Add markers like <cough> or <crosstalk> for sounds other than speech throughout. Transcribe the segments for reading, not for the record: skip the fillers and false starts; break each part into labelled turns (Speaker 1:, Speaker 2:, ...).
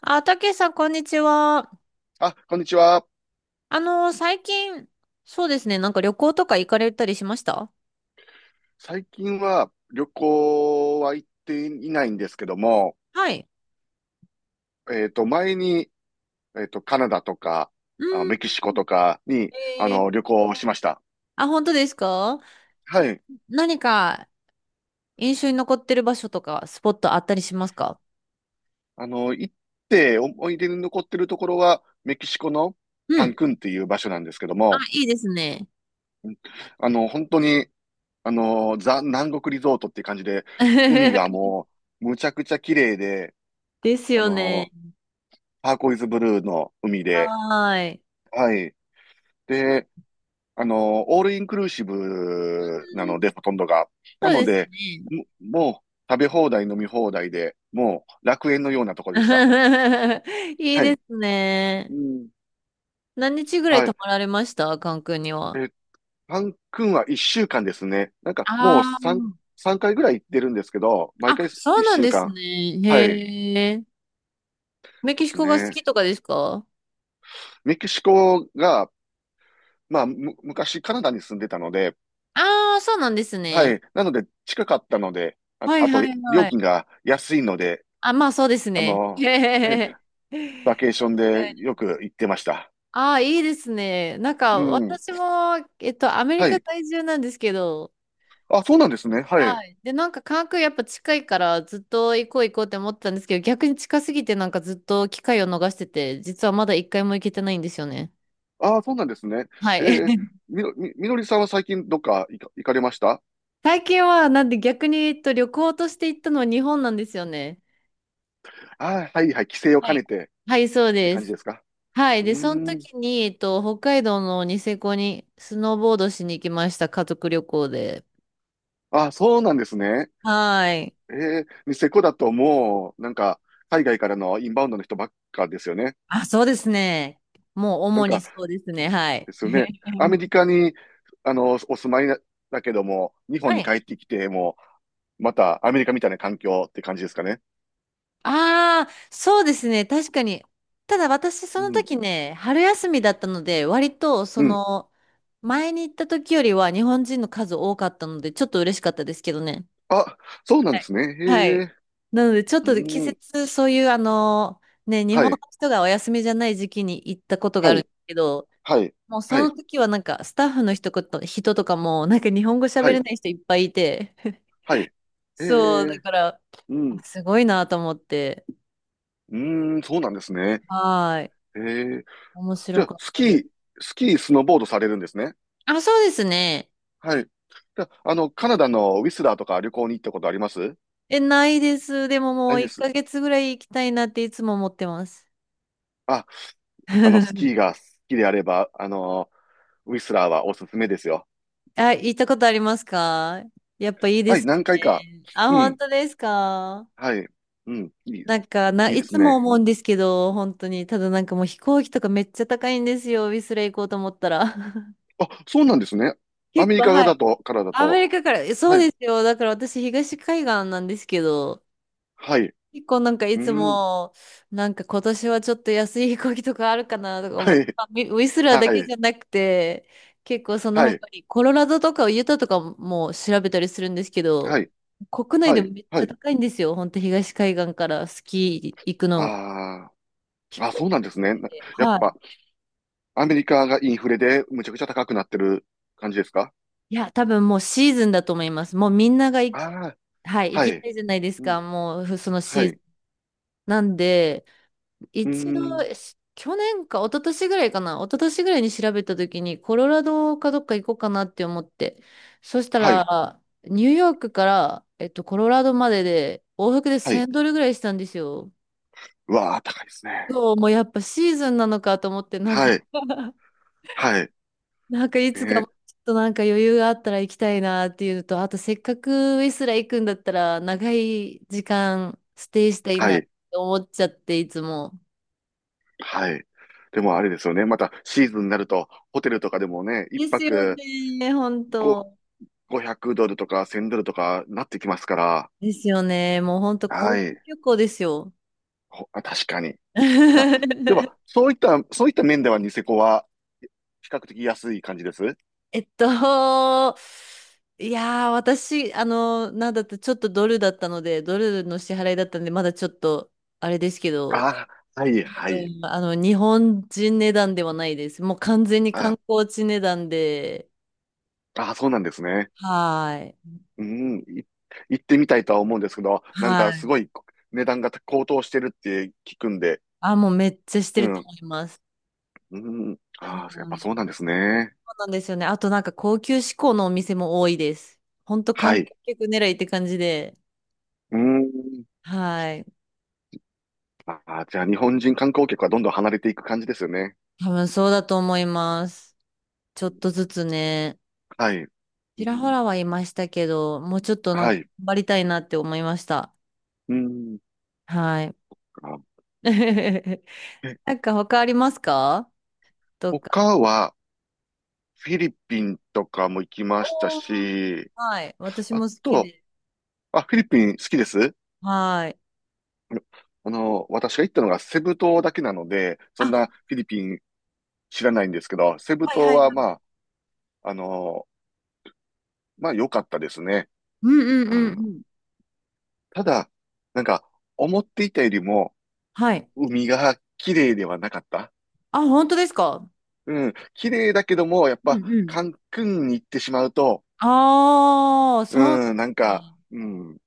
Speaker 1: あ、たけしさん、こんにちは。
Speaker 2: あ、こんにちは。
Speaker 1: 最近、そうですね、なんか旅行とか行かれたりしました？
Speaker 2: 最近は旅行は行っていないんですけども、
Speaker 1: はい。
Speaker 2: 前に、カナダとか、
Speaker 1: う
Speaker 2: メキ
Speaker 1: ん。
Speaker 2: シコとかに、
Speaker 1: えー、
Speaker 2: 旅行をしました。
Speaker 1: あ、本当ですか？
Speaker 2: はい。
Speaker 1: 何か印象に残ってる場所とか、スポットあったりしますか？
Speaker 2: 行って思い出に残ってるところは、メキシコの
Speaker 1: う
Speaker 2: カン
Speaker 1: ん。
Speaker 2: クンっていう場所なんですけど
Speaker 1: あ、
Speaker 2: も、
Speaker 1: いいですね。
Speaker 2: 本当に、ザ・南国リゾートっていう感じで、海が
Speaker 1: <laughs>
Speaker 2: もう、むちゃくちゃ綺麗で、
Speaker 1: です
Speaker 2: あ
Speaker 1: よね。
Speaker 2: の、ターコイズブルーの海で、
Speaker 1: はーい。
Speaker 2: はい。で、オールインクルーシブなの
Speaker 1: うん。
Speaker 2: で、ほとんどが。
Speaker 1: そ
Speaker 2: な
Speaker 1: う
Speaker 2: の
Speaker 1: です
Speaker 2: で、
Speaker 1: ね。
Speaker 2: もう食べ放題、飲み放題で、もう楽園のようなところでした。
Speaker 1: <laughs> いい
Speaker 2: は
Speaker 1: で
Speaker 2: い。
Speaker 1: す
Speaker 2: う
Speaker 1: ね。
Speaker 2: ん。
Speaker 1: 何日ぐらい
Speaker 2: は
Speaker 1: 泊
Speaker 2: い。
Speaker 1: まられました、関空に
Speaker 2: え
Speaker 1: は？
Speaker 2: ー、パン君は一週間ですね。なんかもう
Speaker 1: ああ、
Speaker 2: 三回ぐらい行ってるんですけど、毎
Speaker 1: あ、
Speaker 2: 回
Speaker 1: そう
Speaker 2: 一
Speaker 1: なん
Speaker 2: 週
Speaker 1: です
Speaker 2: 間。
Speaker 1: ね。
Speaker 2: はい。で
Speaker 1: へえ。メキシ
Speaker 2: す
Speaker 1: コが好
Speaker 2: ね。
Speaker 1: きとかですか？
Speaker 2: メキシコが、まあ、昔カナダに住んでたので、
Speaker 1: ああー、そうなんです
Speaker 2: は
Speaker 1: ね。
Speaker 2: い。なので近かったので、あ、
Speaker 1: はい
Speaker 2: あと
Speaker 1: はい
Speaker 2: 料
Speaker 1: はい。
Speaker 2: 金が安いので、
Speaker 1: あ、まあそうです
Speaker 2: あ
Speaker 1: ね。<laughs> へ
Speaker 2: の、ね
Speaker 1: へへ
Speaker 2: バ
Speaker 1: へ。
Speaker 2: ケーションでよく行ってました。
Speaker 1: ああ、いいですね。なん
Speaker 2: う
Speaker 1: か
Speaker 2: ん。
Speaker 1: 私も、アメリ
Speaker 2: は
Speaker 1: カ
Speaker 2: い。
Speaker 1: 在住なんですけど、
Speaker 2: あ、そうなんですね。は
Speaker 1: は
Speaker 2: い。
Speaker 1: い。で、なんか関空やっぱ近いからずっと行こう行こうって思ってたんですけど、逆に近すぎてなんかずっと機会を逃してて、実はまだ一回も行けてないんですよね。
Speaker 2: あ、そうなんですね。
Speaker 1: は
Speaker 2: え
Speaker 1: い。
Speaker 2: ー、
Speaker 1: <laughs>
Speaker 2: みのりさんは最近どっか行かれました？
Speaker 1: 最近はなんで逆に、旅行として行ったのは日本なんですよね。
Speaker 2: あ、はいはい。帰省を
Speaker 1: は
Speaker 2: 兼
Speaker 1: い。
Speaker 2: ねてっ
Speaker 1: はい、そう
Speaker 2: て
Speaker 1: で
Speaker 2: 感じ
Speaker 1: す。
Speaker 2: ですか？
Speaker 1: はい。
Speaker 2: う
Speaker 1: で、
Speaker 2: ー
Speaker 1: その
Speaker 2: ん。
Speaker 1: 時に、北海道のニセコにスノーボードしに行きました。家族旅行で。
Speaker 2: あ、そうなんですね。
Speaker 1: はい。
Speaker 2: ニセコだともう、なんか、海外からのインバウンドの人ばっかですよね。
Speaker 1: あ、そうですね。もう
Speaker 2: なん
Speaker 1: 主に
Speaker 2: か、
Speaker 1: そうですね。はい。
Speaker 2: ですよね。アメ
Speaker 1: <laughs>
Speaker 2: リカに、お住まいだけども、日
Speaker 1: は
Speaker 2: 本に
Speaker 1: い。
Speaker 2: 帰ってきて、もう、またアメリカみたいな環境って感じですかね。
Speaker 1: ああ、そうですね。確かに。ただ私、そ
Speaker 2: う
Speaker 1: の
Speaker 2: ん。
Speaker 1: 時ね、春休みだったので、割と、そ
Speaker 2: うん。
Speaker 1: の、前に行った時よりは日本人の数多かったので、ちょっと嬉しかったですけどね。
Speaker 2: あ、そうなん
Speaker 1: は
Speaker 2: で
Speaker 1: い
Speaker 2: すね。
Speaker 1: は
Speaker 2: へ
Speaker 1: い。
Speaker 2: え。
Speaker 1: なので、ちょっ
Speaker 2: う
Speaker 1: と季
Speaker 2: ーん。
Speaker 1: 節、そういう、ね、日
Speaker 2: は
Speaker 1: 本の
Speaker 2: い。
Speaker 1: 人がお休みじゃない時期に行ったことがあ
Speaker 2: は
Speaker 1: るん
Speaker 2: い。
Speaker 1: ですけど、
Speaker 2: はい。
Speaker 1: もうそ
Speaker 2: は
Speaker 1: の
Speaker 2: い。
Speaker 1: 時はなんか、スタッフの人とかも、なんか日本語喋
Speaker 2: は
Speaker 1: れ
Speaker 2: い。
Speaker 1: ない人いっぱいいて、<laughs>
Speaker 2: はい。へ
Speaker 1: そう、だ
Speaker 2: え。
Speaker 1: から、
Speaker 2: う
Speaker 1: あ
Speaker 2: ん。
Speaker 1: すごいなと思って、
Speaker 2: うーん。そうなんですね。
Speaker 1: はい。
Speaker 2: へえ。
Speaker 1: 面
Speaker 2: じ
Speaker 1: 白
Speaker 2: ゃあ、
Speaker 1: かったです。
Speaker 2: スノーボードされるんですね。
Speaker 1: あ、そうですね。
Speaker 2: はい。じゃあ、カナダのウィスラーとか旅行に行ったことあります？
Speaker 1: え、ないです。でもも
Speaker 2: ない
Speaker 1: う
Speaker 2: で
Speaker 1: 1
Speaker 2: す。
Speaker 1: ヶ月ぐらい行きたいなっていつも思ってます。
Speaker 2: あ、ス
Speaker 1: <laughs>
Speaker 2: キーが好きであれば、ウィスラーはおすすめですよ。
Speaker 1: あ、行ったことありますか？やっぱいいで
Speaker 2: はい、
Speaker 1: すよ
Speaker 2: 何回か。
Speaker 1: ね。あ、
Speaker 2: う
Speaker 1: 本
Speaker 2: ん。
Speaker 1: 当ですか？
Speaker 2: はい。うん。
Speaker 1: なんか、
Speaker 2: いいで
Speaker 1: い
Speaker 2: す
Speaker 1: つも
Speaker 2: ね。
Speaker 1: 思
Speaker 2: う
Speaker 1: うん
Speaker 2: ん。
Speaker 1: ですけど、本当に。ただなんかもう飛行機とかめっちゃ高いんですよ。ウィスレ行こうと思ったら。<laughs>
Speaker 2: あ、そうなんですね。ア
Speaker 1: 結
Speaker 2: メリ
Speaker 1: 構、
Speaker 2: カ
Speaker 1: はい。
Speaker 2: からだ
Speaker 1: アメ
Speaker 2: と。
Speaker 1: リカから、そ
Speaker 2: は
Speaker 1: うで
Speaker 2: い、
Speaker 1: すよ。だから私、東海岸なんですけど、
Speaker 2: はい、
Speaker 1: 結構なんかい
Speaker 2: う
Speaker 1: つ
Speaker 2: ん、
Speaker 1: も、なんか今年はちょっと安い飛行機とかあるかなとか思
Speaker 2: は
Speaker 1: って、
Speaker 2: い、
Speaker 1: まあウィスラーだ
Speaker 2: は
Speaker 1: けじ
Speaker 2: い、
Speaker 1: ゃなくて、結構その
Speaker 2: はい、
Speaker 1: 他にコロラドとかユタとかも調べたりするんですけ
Speaker 2: は
Speaker 1: ど、
Speaker 2: い、
Speaker 1: 国内
Speaker 2: は
Speaker 1: でも
Speaker 2: い、
Speaker 1: めっち
Speaker 2: は
Speaker 1: ゃ
Speaker 2: い。
Speaker 1: 高いんですよ。本当東海岸からスキー行くの。
Speaker 2: あ
Speaker 1: 飛
Speaker 2: あ、あ、
Speaker 1: 行
Speaker 2: そうなんですね。
Speaker 1: 機で。
Speaker 2: やっ
Speaker 1: は
Speaker 2: ぱ、
Speaker 1: い。
Speaker 2: アメリカがインフレでむちゃくちゃ高くなってる感じですか？
Speaker 1: いや、多分もうシーズンだと思います。もうみんなが
Speaker 2: ああ、
Speaker 1: はい、行
Speaker 2: は
Speaker 1: きた
Speaker 2: い、
Speaker 1: いじゃないです
Speaker 2: うん、
Speaker 1: か。もうその
Speaker 2: は
Speaker 1: シ
Speaker 2: い、
Speaker 1: ーズン。
Speaker 2: う
Speaker 1: なんで、
Speaker 2: ー
Speaker 1: 一度、
Speaker 2: ん、
Speaker 1: 去年か、一昨年ぐらいかな、一昨年ぐらいに調べたときに、コロラドかどっか行こうかなって思って、そした
Speaker 2: はい、
Speaker 1: ら、ニューヨークから、コロラドまでで、往復で
Speaker 2: はい。
Speaker 1: 1000ドルぐらいしたんですよ。
Speaker 2: うわあ、高いですね。
Speaker 1: そう、もうやっぱシーズンなのかと思って、なんか
Speaker 2: はい、
Speaker 1: <laughs>
Speaker 2: はい、
Speaker 1: なんかいつかも
Speaker 2: ね、
Speaker 1: うちょっとなんか余裕があったら行きたいなっていうのと、あとせっかくウィスラ行くんだったら、長い時間ステイしたい
Speaker 2: は
Speaker 1: なって
Speaker 2: い、
Speaker 1: 思っちゃって、いつも。
Speaker 2: はい。でもあれですよね。またシーズンになると、ホテルとかでもね、一
Speaker 1: ですよ
Speaker 2: 泊
Speaker 1: ね、本
Speaker 2: 5、
Speaker 1: 当。
Speaker 2: 500ドルとか1000ドルとかなってきますから。
Speaker 1: ですよね。もうほんと高
Speaker 2: は
Speaker 1: 級
Speaker 2: い。
Speaker 1: 旅行ですよ。
Speaker 2: 確かに。あ、で
Speaker 1: <laughs>
Speaker 2: は、そういった面ではニセコは比較的安い感じです
Speaker 1: えっと、いやー、私、なんだってちょっとドルだったので、ドルの支払いだったんで、まだちょっと、あれですけど、
Speaker 2: ああ、はい、
Speaker 1: 多
Speaker 2: はい。
Speaker 1: 分、日本人値段ではないです。もう完全に観
Speaker 2: あ
Speaker 1: 光地値段で、
Speaker 2: あ、そうなんですね。
Speaker 1: はーい。
Speaker 2: うん、行ってみたいとは思うんですけど、なん
Speaker 1: は
Speaker 2: かす
Speaker 1: い。
Speaker 2: ごい値段が高騰してるって聞くんで、
Speaker 1: あ、もうめっちゃして
Speaker 2: う
Speaker 1: ると
Speaker 2: ん、
Speaker 1: 思います。
Speaker 2: うん、
Speaker 1: う
Speaker 2: ああ、やっぱそうな
Speaker 1: ん。
Speaker 2: んですね。
Speaker 1: そうなんですよね。あとなんか高級志向のお店も多いです。ほんと観
Speaker 2: は
Speaker 1: 光
Speaker 2: い。
Speaker 1: 客狙いって感じで、
Speaker 2: うん。
Speaker 1: はい。
Speaker 2: ああ、じゃあ日本人観光客はどんどん離れていく感じですよね。
Speaker 1: 多分そうだと思います。ちょっとずつね、
Speaker 2: はい。う
Speaker 1: ちらほ
Speaker 2: ん、
Speaker 1: らはいましたけど、もうちょっとなん
Speaker 2: は
Speaker 1: か
Speaker 2: い。
Speaker 1: 頑張りたいなって思いました。
Speaker 2: うん。
Speaker 1: はい。
Speaker 2: あ、
Speaker 1: <laughs>
Speaker 2: え、
Speaker 1: なんか他ありますか？とか。
Speaker 2: 他は、フィリピンとかも行きました
Speaker 1: おー、
Speaker 2: し、
Speaker 1: はい。私
Speaker 2: あ
Speaker 1: も好き
Speaker 2: と、
Speaker 1: で。
Speaker 2: あ、フィリピン好きです？
Speaker 1: はい。
Speaker 2: あの、私が行ったのがセブ島だけなので、そん
Speaker 1: あ、
Speaker 2: なフィリピン知らないんですけど、セブ
Speaker 1: はい
Speaker 2: 島
Speaker 1: はい
Speaker 2: は
Speaker 1: はい。
Speaker 2: まあ、あの、まあ良かったですね。
Speaker 1: うんうん
Speaker 2: う
Speaker 1: うん
Speaker 2: ん。
Speaker 1: うん。
Speaker 2: ただ、なんか、思っていたよりも、
Speaker 1: はい。
Speaker 2: 海が綺麗ではなかった。
Speaker 1: あ、本当ですか？
Speaker 2: うん。綺麗だけども、やっ
Speaker 1: うん
Speaker 2: ぱ、
Speaker 1: うん。
Speaker 2: カンクンに行ってしまうと、
Speaker 1: ああ、そうなんで
Speaker 2: うん、なん
Speaker 1: す
Speaker 2: か、
Speaker 1: ね。
Speaker 2: うん。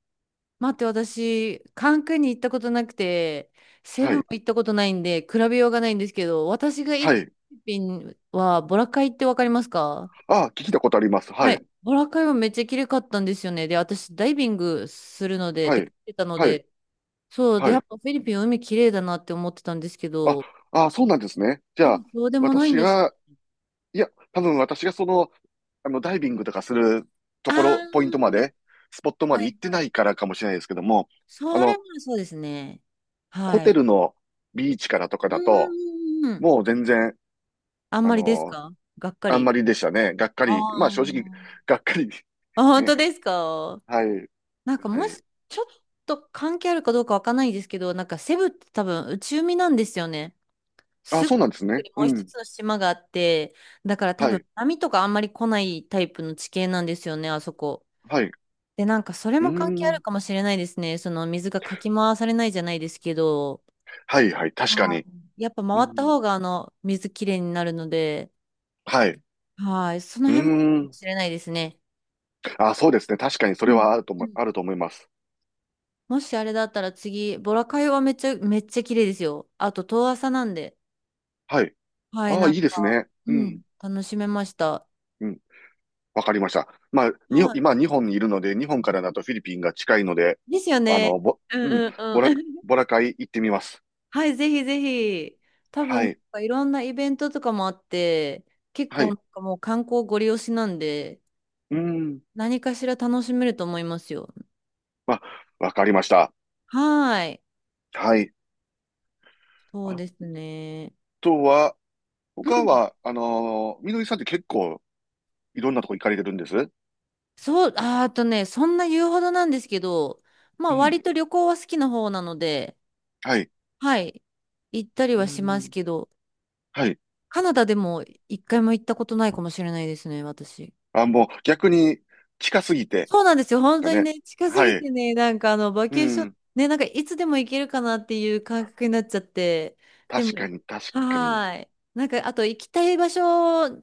Speaker 1: 待って、私、カンクンに行ったことなくて、セ
Speaker 2: は
Speaker 1: ブンも
Speaker 2: い。
Speaker 1: 行ったことないんで、比べようがないんですけど、私が行
Speaker 2: は
Speaker 1: った
Speaker 2: い。
Speaker 1: フィリピンは、ボラカイってわかりますか？
Speaker 2: あ、聞いたことあります。は
Speaker 1: は
Speaker 2: い。
Speaker 1: い。ボラカイはめっちゃ綺麗かったんですよね。で、私、ダイビングするので、っ
Speaker 2: は
Speaker 1: て言っ
Speaker 2: い。
Speaker 1: てたの
Speaker 2: はい。
Speaker 1: で、そうで、
Speaker 2: は
Speaker 1: や
Speaker 2: い。
Speaker 1: っぱフィリピン海綺麗だなって思ってたんですけ
Speaker 2: あ、
Speaker 1: ど、
Speaker 2: あ、そうなんですね。じ
Speaker 1: で
Speaker 2: ゃ
Speaker 1: も
Speaker 2: あ、
Speaker 1: そうでもないん
Speaker 2: 私
Speaker 1: です。
Speaker 2: が、いや、多分私がダイビングとかすると
Speaker 1: あ
Speaker 2: ころ、ポイントま
Speaker 1: ー、
Speaker 2: で、スポットまで
Speaker 1: は
Speaker 2: 行
Speaker 1: い。
Speaker 2: ってないからかもしれないですけども、あ
Speaker 1: それ
Speaker 2: の、
Speaker 1: もそうですね。
Speaker 2: ホ
Speaker 1: は
Speaker 2: テ
Speaker 1: い。
Speaker 2: ルのビーチからとか
Speaker 1: う
Speaker 2: だと、
Speaker 1: ーん。
Speaker 2: もう全然、
Speaker 1: あん
Speaker 2: あ
Speaker 1: まりです
Speaker 2: の、
Speaker 1: か？がっか
Speaker 2: あん
Speaker 1: り。
Speaker 2: まりでしたね。がっか
Speaker 1: あ
Speaker 2: り。まあ
Speaker 1: あ。
Speaker 2: 正直、がっかり。
Speaker 1: あ、
Speaker 2: <laughs>
Speaker 1: 本当
Speaker 2: ね。
Speaker 1: ですか？
Speaker 2: はい。
Speaker 1: なんか
Speaker 2: は
Speaker 1: もし、
Speaker 2: い。
Speaker 1: ちょっと関係あるかどうかわかんないですけど、なんかセブって多分内海なんですよね。
Speaker 2: あ、
Speaker 1: すぐ
Speaker 2: そうなんですね。
Speaker 1: にも
Speaker 2: う
Speaker 1: う一
Speaker 2: ん。
Speaker 1: つの島があって、だから多
Speaker 2: はい。
Speaker 1: 分波とかあんまり来ないタイプの地形なんですよね、あそこ。
Speaker 2: はい。う
Speaker 1: で、なんかそれ
Speaker 2: ー
Speaker 1: も関係ある
Speaker 2: ん。
Speaker 1: かもしれないですね。その水がかき回されないじゃないですけど、
Speaker 2: はい、はい。確か
Speaker 1: は
Speaker 2: に。
Speaker 1: い。やっぱ
Speaker 2: う
Speaker 1: 回った
Speaker 2: ん。
Speaker 1: 方があの水きれいになるので、
Speaker 2: はい。う
Speaker 1: はい、その
Speaker 2: ー
Speaker 1: 辺もかも
Speaker 2: ん。
Speaker 1: しれないですね。
Speaker 2: あ、そうですね。確かにそ
Speaker 1: う
Speaker 2: れ
Speaker 1: ん。
Speaker 2: は
Speaker 1: うん。
Speaker 2: あると思います。
Speaker 1: もしあれだったら次、ボラカイはめっちゃ、めっちゃ綺麗ですよ。あと、遠浅なんで。
Speaker 2: はい。
Speaker 1: はい、
Speaker 2: ああ、
Speaker 1: なん
Speaker 2: いいです
Speaker 1: か、
Speaker 2: ね。う
Speaker 1: うん、
Speaker 2: ん。
Speaker 1: 楽しめました。
Speaker 2: うん。わかりました。まあ、
Speaker 1: は
Speaker 2: 今、日本にいるので、日本からだとフィリピンが近いので、
Speaker 1: い。ですよね。うん
Speaker 2: うん、
Speaker 1: うん
Speaker 2: ボラ、
Speaker 1: うん。
Speaker 2: ボラカイ行ってみます。
Speaker 1: <laughs> はい、ぜひぜひ。多分、
Speaker 2: は
Speaker 1: なん
Speaker 2: い。
Speaker 1: かいろんなイベントとかもあって、結
Speaker 2: は
Speaker 1: 構な
Speaker 2: い。
Speaker 1: んかもう観光ご利用しなんで、
Speaker 2: うん。
Speaker 1: 何かしら楽しめると思いますよ。
Speaker 2: まあ、わかりました。
Speaker 1: はい。
Speaker 2: はい。
Speaker 1: そう
Speaker 2: あ
Speaker 1: ですね。
Speaker 2: とは、
Speaker 1: う
Speaker 2: 他
Speaker 1: ん。
Speaker 2: は、みのりさんって結構いろんなとこ行かれてるんです？
Speaker 1: そう、あーあとね、そんな言うほどなんですけど、ま
Speaker 2: う
Speaker 1: あ
Speaker 2: ん。
Speaker 1: 割と旅行は好きな方なので、
Speaker 2: はい。
Speaker 1: はい。行ったり
Speaker 2: う
Speaker 1: はします
Speaker 2: ん。
Speaker 1: けど、
Speaker 2: はい。
Speaker 1: カナダでも一回も行ったことないかもしれないですね、私。
Speaker 2: あ、もう逆に近すぎてで
Speaker 1: そうなんですよ。
Speaker 2: す
Speaker 1: 本
Speaker 2: か
Speaker 1: 当に
Speaker 2: ね。
Speaker 1: ね、近す
Speaker 2: は
Speaker 1: ぎ
Speaker 2: い。
Speaker 1: てね、なんかバ
Speaker 2: う
Speaker 1: ケーション、
Speaker 2: ん。
Speaker 1: ね、なんかいつでも行けるかなっていう感覚になっちゃって、でも、
Speaker 2: 確かに、確かに。
Speaker 1: はーい。なんか、あと行きたい場所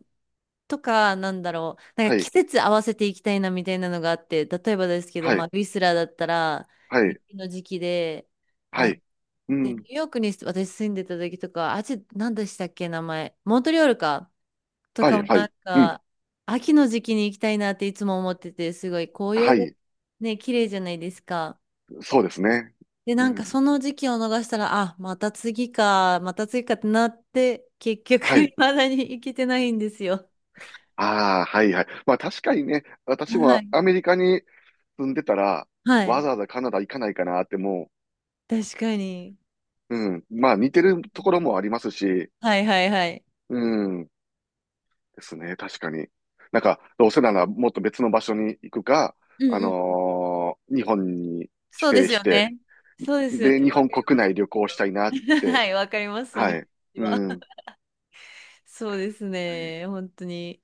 Speaker 1: とか、なんだろう、なんか
Speaker 2: は
Speaker 1: 季
Speaker 2: い、
Speaker 1: 節合わせて行きたいなみたいなのがあって、例えばですけど、
Speaker 2: は
Speaker 1: まあ、
Speaker 2: い、
Speaker 1: ウィスラーだったら、
Speaker 2: はい、
Speaker 1: 雪の時期で、
Speaker 2: は
Speaker 1: あ、
Speaker 2: い。う
Speaker 1: で、ニュ
Speaker 2: ん、
Speaker 1: ーヨークに私住んでた時とか、あっ、何でしたっけ、名前。モントリオールか。と
Speaker 2: はい、
Speaker 1: かも
Speaker 2: は
Speaker 1: な
Speaker 2: い、
Speaker 1: ん
Speaker 2: うん、
Speaker 1: か、秋の時期に行きたいなっていつも思ってて、すごい紅
Speaker 2: は
Speaker 1: 葉が
Speaker 2: い、
Speaker 1: ね、綺麗じゃないですか。
Speaker 2: そうですね。
Speaker 1: で、
Speaker 2: う
Speaker 1: なんか
Speaker 2: ん、
Speaker 1: その時期を逃したら、あ、また次か、また次かってなって、結局
Speaker 2: はい。
Speaker 1: <laughs>、未だに行けてないんですよ。
Speaker 2: ああ、はい、はい。まあ確かにね、私
Speaker 1: は
Speaker 2: も
Speaker 1: い。
Speaker 2: アメリカに住んでたら、
Speaker 1: は
Speaker 2: わ
Speaker 1: い。
Speaker 2: ざわざカナダ行かないかなっても
Speaker 1: 確かに。
Speaker 2: う、うん、まあ似てるところもありますし、
Speaker 1: はいはいはい。
Speaker 2: うん、ですね、確かに。なんか、どうせならもっと別の場所に行くか、
Speaker 1: うんうん。
Speaker 2: 日本に
Speaker 1: そうで
Speaker 2: 帰省
Speaker 1: す
Speaker 2: し
Speaker 1: よ
Speaker 2: て、
Speaker 1: ね。そうですよ
Speaker 2: で、
Speaker 1: ね。
Speaker 2: 日
Speaker 1: わ
Speaker 2: 本
Speaker 1: かり
Speaker 2: 国
Speaker 1: ます。
Speaker 2: 内旅行したいなっ
Speaker 1: <laughs> は
Speaker 2: て。
Speaker 1: い、わかります。その
Speaker 2: は
Speaker 1: 気持
Speaker 2: い。
Speaker 1: ちは。
Speaker 2: うん。
Speaker 1: そうです
Speaker 2: はい、
Speaker 1: ね。本当に。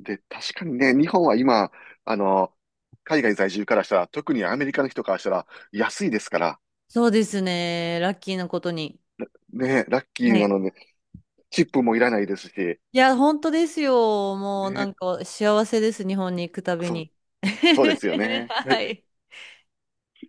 Speaker 2: で、確かにね、日本は今、あの、海外在住からしたら、特にアメリカの人からしたら、安いですから、
Speaker 1: そうですね。ラッキーなことに。
Speaker 2: ね、ラッキ
Speaker 1: は
Speaker 2: ーな
Speaker 1: い。
Speaker 2: ので、チップもいらないですし、
Speaker 1: いや、本当ですよ。もうな
Speaker 2: ね、
Speaker 1: んか幸せです。日本に行くたび
Speaker 2: そう、
Speaker 1: に。
Speaker 2: そうですよ
Speaker 1: <laughs>
Speaker 2: ね。
Speaker 1: はい。